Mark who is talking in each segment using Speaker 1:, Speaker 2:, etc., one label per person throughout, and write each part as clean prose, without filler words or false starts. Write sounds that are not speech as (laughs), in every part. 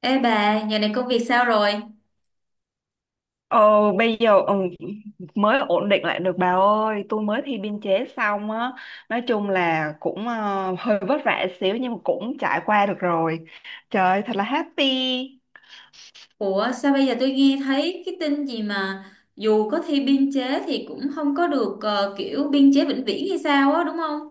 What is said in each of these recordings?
Speaker 1: Ê bà, giờ này công việc sao rồi?
Speaker 2: Ồ, bây giờ mới ổn định lại được bà ơi. Tôi mới thi biên chế xong á, nói chung là cũng hơi vất vả xíu nhưng mà cũng trải qua được rồi, trời thật là happy.
Speaker 1: Ủa sao bây giờ tôi nghe thấy cái tin gì mà dù có thi biên chế thì cũng không có được kiểu biên chế vĩnh viễn hay sao á đúng không?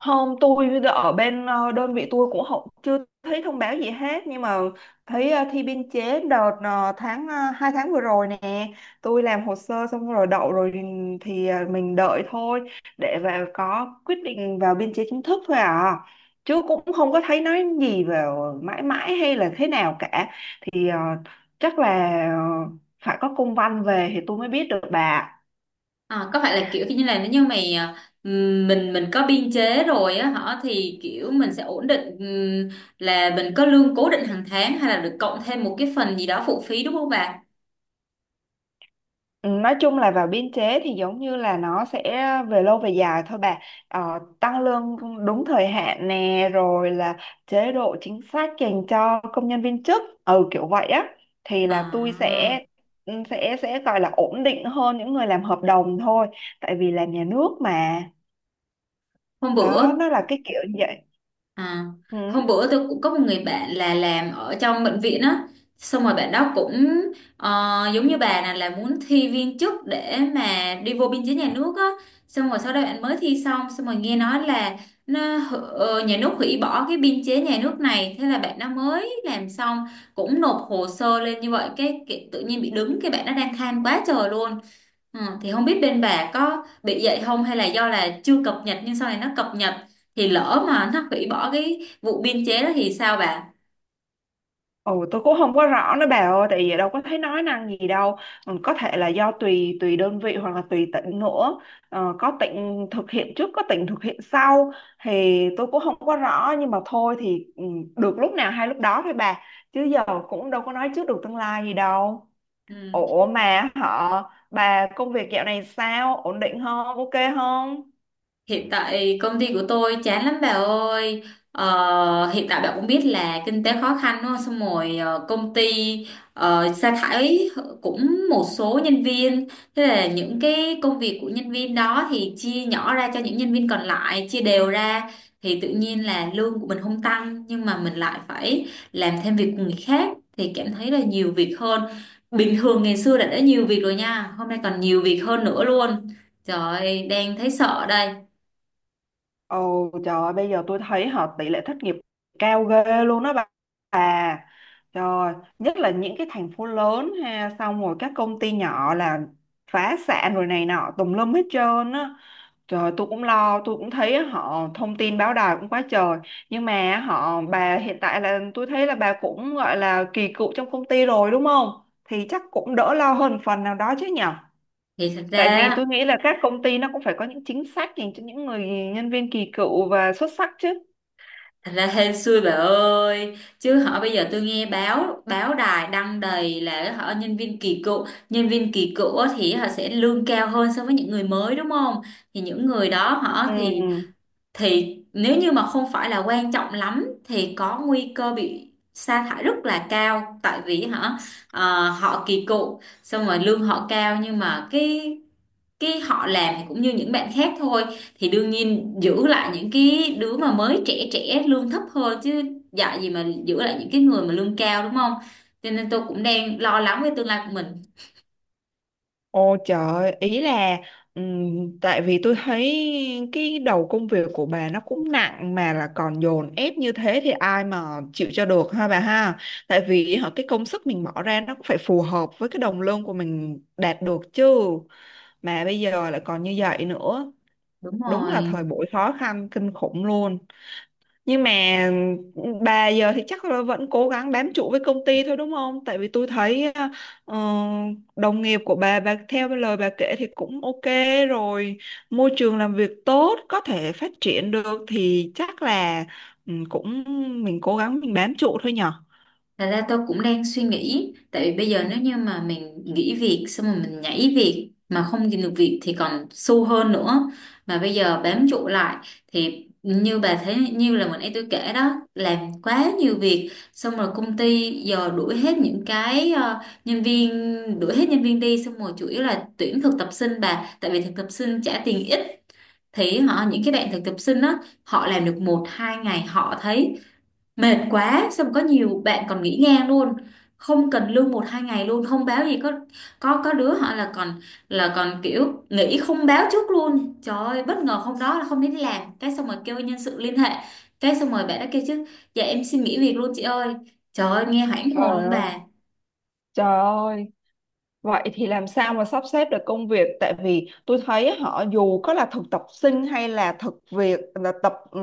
Speaker 2: Hôm tôi ở bên đơn vị tôi cũng không, chưa thấy thông báo gì hết nhưng mà thấy thi biên chế đợt 2 tháng vừa rồi nè. Tôi làm hồ sơ xong rồi đậu rồi thì thì mình đợi thôi, để vào có quyết định vào biên chế chính thức thôi à, chứ cũng không có thấy nói gì về mãi mãi hay là thế nào cả. Thì ờ, chắc là ờ, phải có công văn về thì tôi mới biết được bà.
Speaker 1: À, có phải là kiểu như là nếu như mày mình có biên chế rồi á hả thì kiểu mình sẽ ổn định là mình có lương cố định hàng tháng hay là được cộng thêm một cái phần gì đó phụ phí đúng không bà?
Speaker 2: Ừ, nói chung là vào biên chế thì giống như là nó sẽ về lâu về dài thôi bà, tăng lương đúng thời hạn nè, rồi là chế độ chính sách dành cho công nhân viên chức, ừ, kiểu vậy á. Thì là tôi
Speaker 1: À,
Speaker 2: sẽ, ừ, sẽ gọi là ổn định hơn những người làm hợp đồng thôi, tại vì làm nhà nước mà,
Speaker 1: hôm
Speaker 2: đó
Speaker 1: bữa
Speaker 2: nó là cái kiểu như vậy.
Speaker 1: À,
Speaker 2: Ừ.
Speaker 1: hôm bữa tôi cũng có một người bạn là làm ở trong bệnh viện á, xong rồi bạn đó cũng giống như bà này là muốn thi viên chức để mà đi vô biên chế nhà nước á, xong rồi sau đó bạn mới thi xong xong rồi nghe nói là nhà nước hủy bỏ cái biên chế nhà nước này, thế là bạn nó mới làm xong cũng nộp hồ sơ lên như vậy cái tự nhiên bị đứng cái bạn nó đang than quá trời luôn. Ờ, thì không biết bên bà có bị vậy không hay là do là chưa cập nhật nhưng sau này nó cập nhật thì lỡ mà nó hủy bỏ cái vụ biên chế đó thì sao bà?
Speaker 2: Ồ, tôi cũng không có rõ nữa bà ơi, tại vì đâu có thấy nói năng gì đâu. Ừ, có thể là do tùy tùy đơn vị hoặc là tùy tỉnh nữa. Ờ, có tỉnh thực hiện trước, có tỉnh thực hiện sau, thì tôi cũng không có rõ nhưng mà thôi thì, ừ, được lúc nào hay lúc đó thôi bà. Chứ giờ cũng đâu có nói trước được tương lai gì đâu.
Speaker 1: Ừ.
Speaker 2: Ủa mà họ bà công việc dạo này sao? Ổn định không? Ok không?
Speaker 1: Hiện tại công ty của tôi chán lắm bà ơi. Ờ, hiện tại bà cũng biết là kinh tế khó khăn đúng không? Xong rồi công ty sa thải cũng một số nhân viên. Thế là những cái công việc của nhân viên đó thì chia nhỏ ra cho những nhân viên còn lại, chia đều ra. Thì tự nhiên là lương của mình không tăng nhưng mà mình lại phải làm thêm việc của người khác. Thì cảm thấy là nhiều việc hơn. Bình thường ngày xưa đã nhiều việc rồi nha. Hôm nay còn nhiều việc hơn nữa luôn. Trời ơi, đang thấy sợ đây.
Speaker 2: Ồ trời ơi, bây giờ tôi thấy họ tỷ lệ thất nghiệp cao ghê luôn đó bà. Rồi, nhất là những cái thành phố lớn ha, xong rồi các công ty nhỏ là phá sản rồi này nọ tùm lum hết trơn á. Trời tôi cũng lo, tôi cũng thấy họ thông tin báo đài cũng quá trời. Nhưng mà họ bà hiện tại là tôi thấy là bà cũng gọi là kỳ cựu trong công ty rồi đúng không? Thì chắc cũng đỡ lo hơn phần nào đó chứ nhở?
Speaker 1: Thì thật ra
Speaker 2: Tại vì
Speaker 1: á,
Speaker 2: tôi nghĩ là các công ty nó cũng phải có những chính sách dành cho những người nhân viên kỳ cựu và xuất sắc chứ.
Speaker 1: Thật ra hên xui bà ơi chứ họ bây giờ tôi nghe báo báo đài đăng đầy là họ nhân viên kỳ cựu, nhân viên kỳ cựu á thì họ sẽ lương cao hơn so với những người mới đúng không, thì những người đó họ thì
Speaker 2: Ừ.
Speaker 1: thì nếu như mà không phải là quan trọng lắm thì có nguy cơ bị sa thải rất là cao tại vì hả họ kỳ cựu xong rồi lương họ cao nhưng mà cái họ làm thì cũng như những bạn khác thôi, thì đương nhiên giữ lại những cái đứa mà mới trẻ trẻ lương thấp hơn chứ, dạy gì mà giữ lại những cái người mà lương cao đúng không, cho nên tôi cũng đang lo lắng về tương lai của mình.
Speaker 2: Ô trời, ý là, tại vì tôi thấy cái đầu công việc của bà nó cũng nặng mà là còn dồn ép như thế thì ai mà chịu cho được ha bà ha. Tại vì họ cái công sức mình bỏ ra nó cũng phải phù hợp với cái đồng lương của mình đạt được chứ. Mà bây giờ lại còn như vậy nữa,
Speaker 1: Đúng
Speaker 2: đúng là
Speaker 1: rồi.
Speaker 2: thời buổi khó khăn kinh khủng luôn, nhưng mà bà giờ thì chắc là vẫn cố gắng bám trụ với công ty thôi đúng không? Tại vì tôi thấy ờ, đồng nghiệp của bà theo lời bà kể thì cũng ok rồi, môi trường làm việc tốt, có thể phát triển được thì chắc là, ừ, cũng mình cố gắng mình bám trụ thôi nhở?
Speaker 1: Thật ra tôi cũng đang suy nghĩ. Tại vì bây giờ nếu như mà mình nghỉ việc, xong rồi mình nhảy việc mà không tìm được việc thì còn xu hơn nữa. Mà bây giờ bám trụ lại thì như bà thấy, như là mình ấy tôi kể đó, làm quá nhiều việc, xong rồi công ty giờ đuổi hết những cái nhân viên, đuổi hết nhân viên đi, xong rồi chủ yếu là tuyển thực tập sinh bà. Tại vì thực tập sinh trả tiền ít thì họ những cái bạn thực tập sinh đó họ làm được một hai ngày họ thấy mệt quá, xong có nhiều bạn còn nghỉ ngang luôn, không cần lương một hai ngày luôn, không báo gì, có đứa họ là còn kiểu nghỉ không báo trước luôn, trời ơi bất ngờ hôm đó là không đến làm, cái xong rồi kêu nhân sự liên hệ cái xong rồi bạn đã kêu chứ dạ em xin nghỉ việc luôn chị ơi, trời ơi nghe hoảng hồn
Speaker 2: Trời
Speaker 1: luôn
Speaker 2: ơi,
Speaker 1: bà.
Speaker 2: trời ơi, vậy thì làm sao mà sắp xếp được công việc, tại vì tôi thấy họ dù có là thực tập sinh hay là thực việc là tập ừ,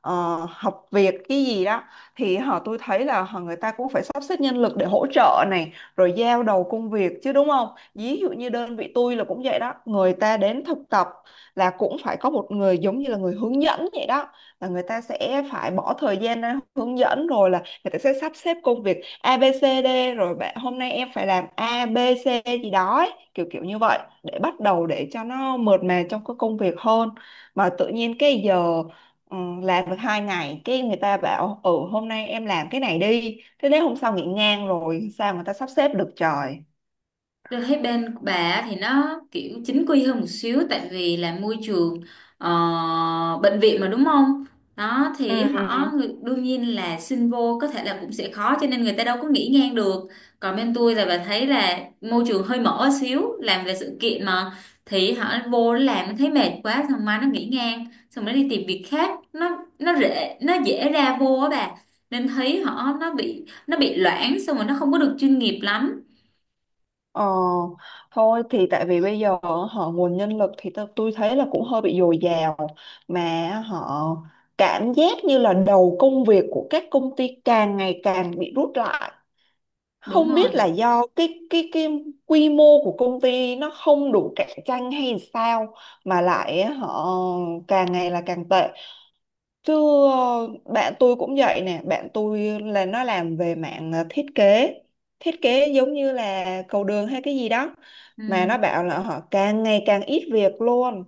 Speaker 2: ờ, học việc cái gì đó, thì họ tôi thấy là họ người ta cũng phải sắp xếp nhân lực để hỗ trợ này rồi giao đầu công việc chứ đúng không? Ví dụ như đơn vị tôi là cũng vậy đó, người ta đến thực tập là cũng phải có một người giống như là người hướng dẫn vậy đó, là người ta sẽ phải bỏ thời gian ra hướng dẫn rồi là người ta sẽ sắp xếp công việc ABCD, rồi bạn hôm nay em phải làm ABC gì đó ấy, kiểu kiểu như vậy để bắt đầu để cho nó mượt mà trong cái công việc hơn. Mà tự nhiên cái giờ, ừ, làm được 2 ngày cái người ta bảo ừ hôm nay em làm cái này đi, thế đến hôm sau nghỉ ngang rồi sao người ta sắp xếp được trời.
Speaker 1: Tôi thấy bên của bà thì nó kiểu chính quy hơn một xíu tại vì là môi trường ờ, bệnh viện mà đúng không? Đó thì họ
Speaker 2: Ừ.
Speaker 1: đương nhiên là xin vô có thể là cũng sẽ khó cho nên người ta đâu có nghĩ ngang được. Còn bên tôi là bà thấy là môi trường hơi mở xíu, làm về sự kiện mà, thì họ vô nó làm nó thấy mệt quá xong mai nó nghĩ ngang, xong nó đi tìm việc khác, nó dễ nó dễ ra vô á bà. Nên thấy họ nó bị loãng xong rồi nó không có được chuyên nghiệp lắm.
Speaker 2: Ờ, thôi thì tại vì bây giờ họ nguồn nhân lực thì tôi thấy là cũng hơi bị dồi dào, mà họ cảm giác như là đầu công việc của các công ty càng ngày càng bị rút lại,
Speaker 1: Đúng
Speaker 2: không
Speaker 1: rồi.
Speaker 2: biết là do cái quy mô của công ty nó không đủ cạnh tranh hay sao mà lại họ càng ngày là càng tệ. Chứ ờ, bạn tôi cũng vậy nè, bạn tôi là nó làm về mạng thiết kế giống như là cầu đường hay cái gì đó. Mà nó
Speaker 1: Ừ.
Speaker 2: bảo là họ càng ngày càng ít việc luôn.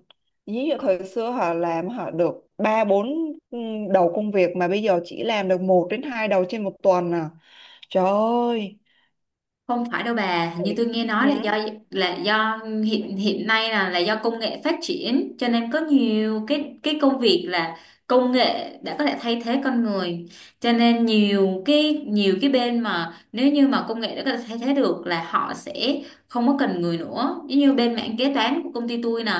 Speaker 2: Ví dụ thời xưa họ làm họ được 3 4 đầu công việc mà bây giờ chỉ làm được một đến hai đầu trên một tuần à. Trời ơi.
Speaker 1: Không phải đâu bà, hình như tôi nghe
Speaker 2: Ừ.
Speaker 1: nói là do là do hiện hiện nay là do công nghệ phát triển cho nên có nhiều cái công việc là công nghệ đã có thể thay thế con người. Cho nên nhiều cái bên mà nếu như mà công nghệ đã có thể thay thế được là họ sẽ không có cần người nữa. Giống như bên mảng kế toán của công ty tôi nè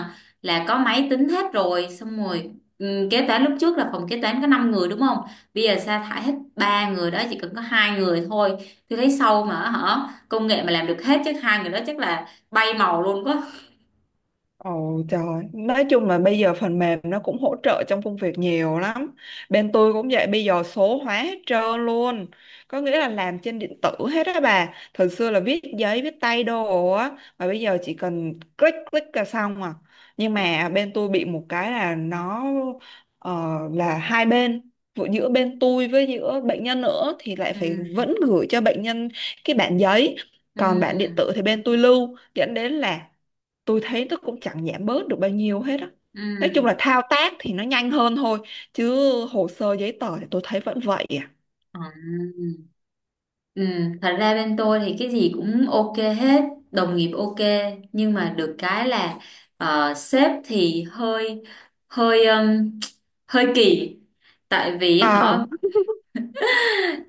Speaker 1: là có máy tính hết rồi, xong rồi kế toán lúc trước là phòng kế toán có 5 người đúng không? Bây giờ sa thải hết ba người đó chỉ cần có hai người thôi. Tôi thấy sâu mà hả, công nghệ mà làm được hết chắc hai người đó chắc là bay màu luôn quá.
Speaker 2: Ồ trời, nói chung là bây giờ phần mềm nó cũng hỗ trợ trong công việc nhiều lắm. Bên tôi cũng vậy, bây giờ số hóa hết trơn luôn. Có nghĩa là làm trên điện tử hết á bà. Thời xưa là viết giấy, viết tay đồ á, mà bây giờ chỉ cần click click là xong à. Nhưng mà bên tôi bị một cái là nó, là hai bên, vừa giữa bên tôi với giữa bệnh nhân nữa thì lại phải
Speaker 1: Ừ.
Speaker 2: vẫn gửi cho bệnh nhân cái bản giấy, còn bản điện
Speaker 1: Ừ.
Speaker 2: tử thì bên tôi lưu, dẫn đến là tôi thấy nó cũng chẳng giảm bớt được bao nhiêu hết á. Nói chung
Speaker 1: Ừ.
Speaker 2: là thao tác thì nó nhanh hơn thôi, chứ hồ sơ giấy tờ thì tôi thấy vẫn vậy à.
Speaker 1: Ừ. Ừ. Thật ra bên tôi thì cái gì cũng ok hết, đồng nghiệp ok, nhưng mà được cái là sếp thì hơi hơi hơi kỳ. tại vì
Speaker 2: À,
Speaker 1: họ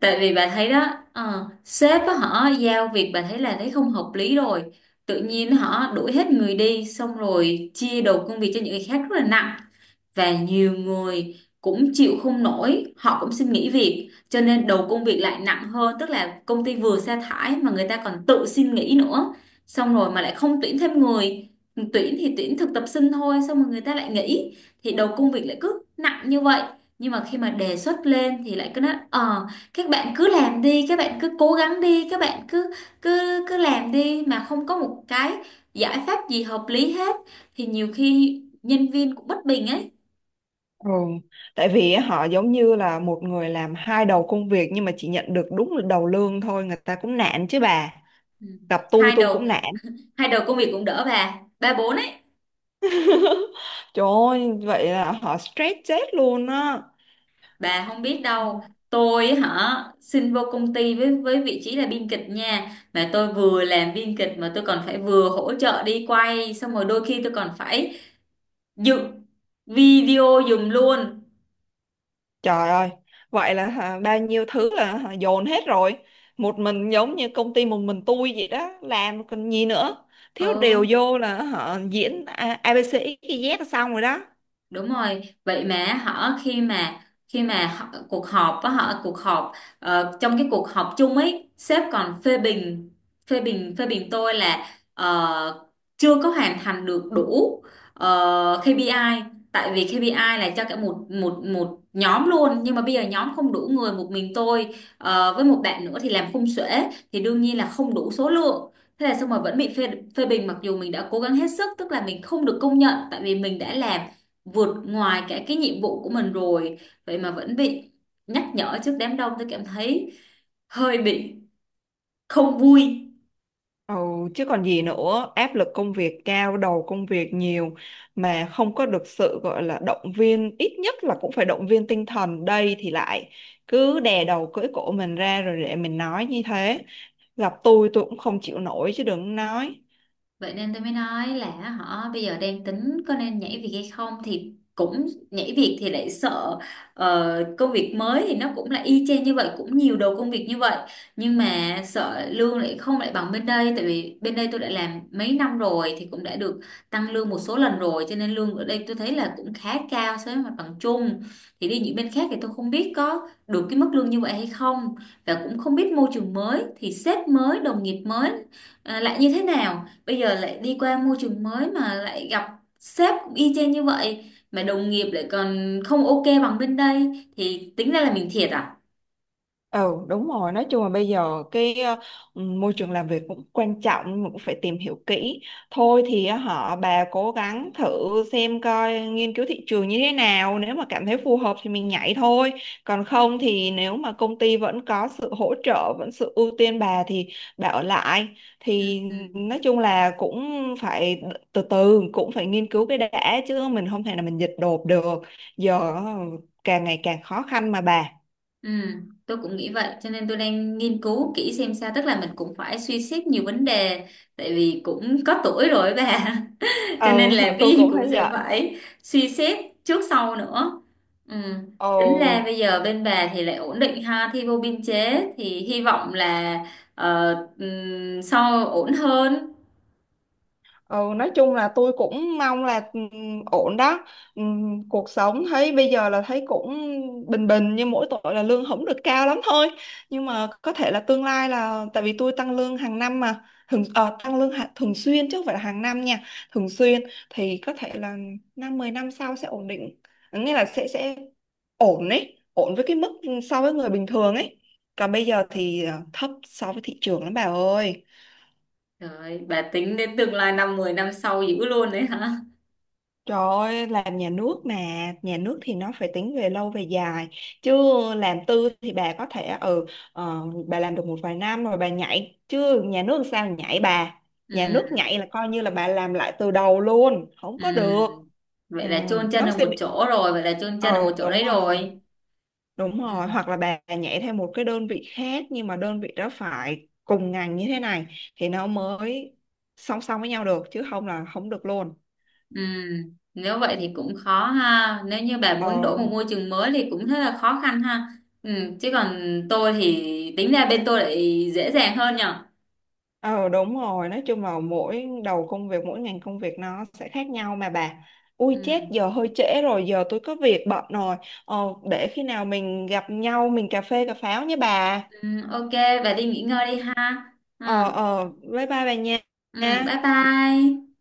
Speaker 1: Tại vì bà thấy đó, sếp á, họ giao việc bà thấy là thấy không hợp lý rồi, tự nhiên họ đuổi hết người đi xong rồi chia đầu công việc cho những người khác rất là nặng và nhiều người cũng chịu không nổi họ cũng xin nghỉ việc cho nên đầu công việc lại nặng hơn, tức là công ty vừa sa thải mà người ta còn tự xin nghỉ nữa, xong rồi mà lại không tuyển thêm người, tuyển thì tuyển thực tập sinh thôi xong rồi người ta lại nghỉ, thì đầu công việc lại cứ nặng như vậy. Nhưng mà khi mà đề xuất lên thì lại cứ nói các bạn cứ làm đi, các bạn cứ cố gắng đi, các bạn cứ cứ cứ làm đi mà không có một cái giải pháp gì hợp lý hết, thì nhiều khi nhân viên cũng bất bình ấy.
Speaker 2: ừ. Tại vì họ giống như là một người làm hai đầu công việc nhưng mà chỉ nhận được đúng một đầu lương thôi, người ta cũng nản chứ bà.
Speaker 1: Ừ.
Speaker 2: Gặp
Speaker 1: hai
Speaker 2: tôi
Speaker 1: đầu
Speaker 2: cũng nản.
Speaker 1: Hai đầu công việc cũng đỡ bà, ba bốn ấy.
Speaker 2: (laughs) Trời ơi, vậy là họ stress chết luôn á.
Speaker 1: Bà không biết đâu, tôi hả xin vô công ty với vị trí là biên kịch nha mà tôi vừa làm biên kịch mà tôi còn phải vừa hỗ trợ đi quay xong rồi đôi khi tôi còn phải dựng video giùm luôn.
Speaker 2: Trời ơi, vậy là hả, bao nhiêu thứ là hả, dồn hết rồi. Một mình giống như công ty một mình tôi vậy đó, làm còn gì nữa. Thiếu điều
Speaker 1: Ừ.
Speaker 2: vô là họ diễn A- ABC XYZ là xong rồi đó.
Speaker 1: Đúng rồi, vậy mà họ khi mà họ, cuộc họp á họ cuộc họp trong cái cuộc họp chung ấy, sếp còn phê bình phê bình tôi là ờ, chưa có hoàn thành được đủ KPI. Tại vì KPI là cho cả một một một nhóm luôn nhưng mà bây giờ nhóm không đủ người, một mình tôi với một bạn nữa thì làm khung xuể, thì đương nhiên là không đủ số lượng, thế là xong mà vẫn bị phê phê bình mặc dù mình đã cố gắng hết sức, tức là mình không được công nhận tại vì mình đã làm vượt ngoài cả cái nhiệm vụ của mình rồi, vậy mà vẫn bị nhắc nhở trước đám đông, tôi cảm thấy hơi bị không vui.
Speaker 2: Ừ, chứ còn gì nữa, áp lực công việc cao, đầu công việc nhiều mà không có được sự gọi là động viên, ít nhất là cũng phải động viên tinh thần. Đây thì lại cứ đè đầu cưỡi cổ mình ra rồi để mình nói như thế. Gặp tôi cũng không chịu nổi chứ đừng nói.
Speaker 1: Vậy nên tôi mới nói là họ bây giờ đang tính có nên nhảy việc hay không thì cũng nhảy việc thì lại sợ công việc mới thì nó cũng là y chang như vậy cũng nhiều đầu công việc như vậy nhưng mà sợ lương lại không lại bằng bên đây tại vì bên đây tôi đã làm mấy năm rồi thì cũng đã được tăng lương một số lần rồi cho nên lương ở đây tôi thấy là cũng khá cao so với mặt bằng chung, thì đi những bên khác thì tôi không biết có được cái mức lương như vậy hay không và cũng không biết môi trường mới thì sếp mới đồng nghiệp mới lại như thế nào, bây giờ lại đi qua môi trường mới mà lại gặp sếp cũng y chang như vậy mà đồng nghiệp lại còn không ok bằng bên đây thì tính ra là mình thiệt à.
Speaker 2: Ừ đúng rồi, nói chung là bây giờ cái môi trường làm việc cũng quan trọng nhưng mà cũng phải tìm hiểu kỹ. Thôi thì họ bà cố gắng thử xem coi nghiên cứu thị trường như thế nào, nếu mà cảm thấy phù hợp thì mình nhảy thôi, còn không thì nếu mà công ty vẫn có sự hỗ trợ vẫn sự ưu tiên bà thì bà ở lại.
Speaker 1: Ừ.
Speaker 2: Thì
Speaker 1: Ừ.
Speaker 2: nói chung là cũng phải từ từ, cũng phải nghiên cứu cái đã chứ mình không thể là mình dịch đột được. Giờ càng ngày càng khó khăn mà bà.
Speaker 1: Ừ, tôi cũng nghĩ vậy cho nên tôi đang nghiên cứu kỹ xem sao, tức là mình cũng phải suy xét nhiều vấn đề tại vì cũng có tuổi rồi ấy bà, cho
Speaker 2: Ừ,
Speaker 1: nên
Speaker 2: (laughs)
Speaker 1: làm cái
Speaker 2: tôi
Speaker 1: gì
Speaker 2: cũng
Speaker 1: cũng
Speaker 2: thấy
Speaker 1: sẽ
Speaker 2: vậy.
Speaker 1: phải suy xét trước sau nữa. Ừ. Tính ra
Speaker 2: Ừ.
Speaker 1: bây giờ bên bà thì lại ổn định ha, thi vô biên chế thì hy vọng là sau ổn hơn.
Speaker 2: Ừ nói chung là tôi cũng mong là, ổn đó. Cuộc sống thấy bây giờ là thấy cũng bình bình, nhưng mỗi tội là lương không được cao lắm thôi. Nhưng mà có thể là tương lai là tại vì tôi tăng lương hàng năm mà, thường tăng lương thường xuyên chứ không phải là hàng năm nha, thường xuyên, thì có thể là 5 10 năm sau sẽ ổn định, nghĩa là sẽ ổn ấy, ổn với cái mức so với người bình thường ấy. Còn bây giờ thì thấp so với thị trường lắm bà ơi.
Speaker 1: Rồi bà tính đến tương lai năm 10 năm sau dữ luôn đấy hả?
Speaker 2: Trời ơi, làm nhà nước mà, nhà nước thì nó phải tính về lâu về dài. Chứ làm tư thì bà có thể ờ, bà làm được 1 vài năm rồi bà nhảy, chứ nhà nước sao nhảy bà.
Speaker 1: Ừ.
Speaker 2: Nhà nước nhảy là coi như là bà làm lại từ đầu luôn, không có được.
Speaker 1: Ừ.
Speaker 2: Ừ,
Speaker 1: Vậy là chôn chân
Speaker 2: nó
Speaker 1: ở
Speaker 2: sẽ
Speaker 1: một
Speaker 2: bị,
Speaker 1: chỗ rồi, vậy là chôn chân ở một
Speaker 2: ồ
Speaker 1: chỗ đấy rồi.
Speaker 2: đúng
Speaker 1: Ừ.
Speaker 2: rồi, hoặc là bà nhảy theo một cái đơn vị khác nhưng mà đơn vị đó phải cùng ngành như thế này thì nó mới song song với nhau được chứ không là không được luôn.
Speaker 1: Ừ, nếu vậy thì cũng khó ha. Nếu như bà
Speaker 2: Ờ.
Speaker 1: muốn đổi một môi trường mới thì cũng rất là khó khăn ha. Ừ, chứ còn tôi thì tính ra bên tôi lại dễ dàng hơn nhở.
Speaker 2: Ờ đúng rồi, nói chung là mỗi đầu công việc, mỗi ngành công việc nó sẽ khác nhau mà bà. Ui
Speaker 1: Ừ,
Speaker 2: chết, giờ hơi trễ rồi, giờ tôi có việc bận rồi. Ờ, để khi nào mình gặp nhau, mình cà phê cà pháo nhé bà.
Speaker 1: ừ, ok, bà đi nghỉ ngơi đi ha. Ừ,
Speaker 2: Ờ, ờ, bye bye bà
Speaker 1: ừ,
Speaker 2: nha.
Speaker 1: bye bye.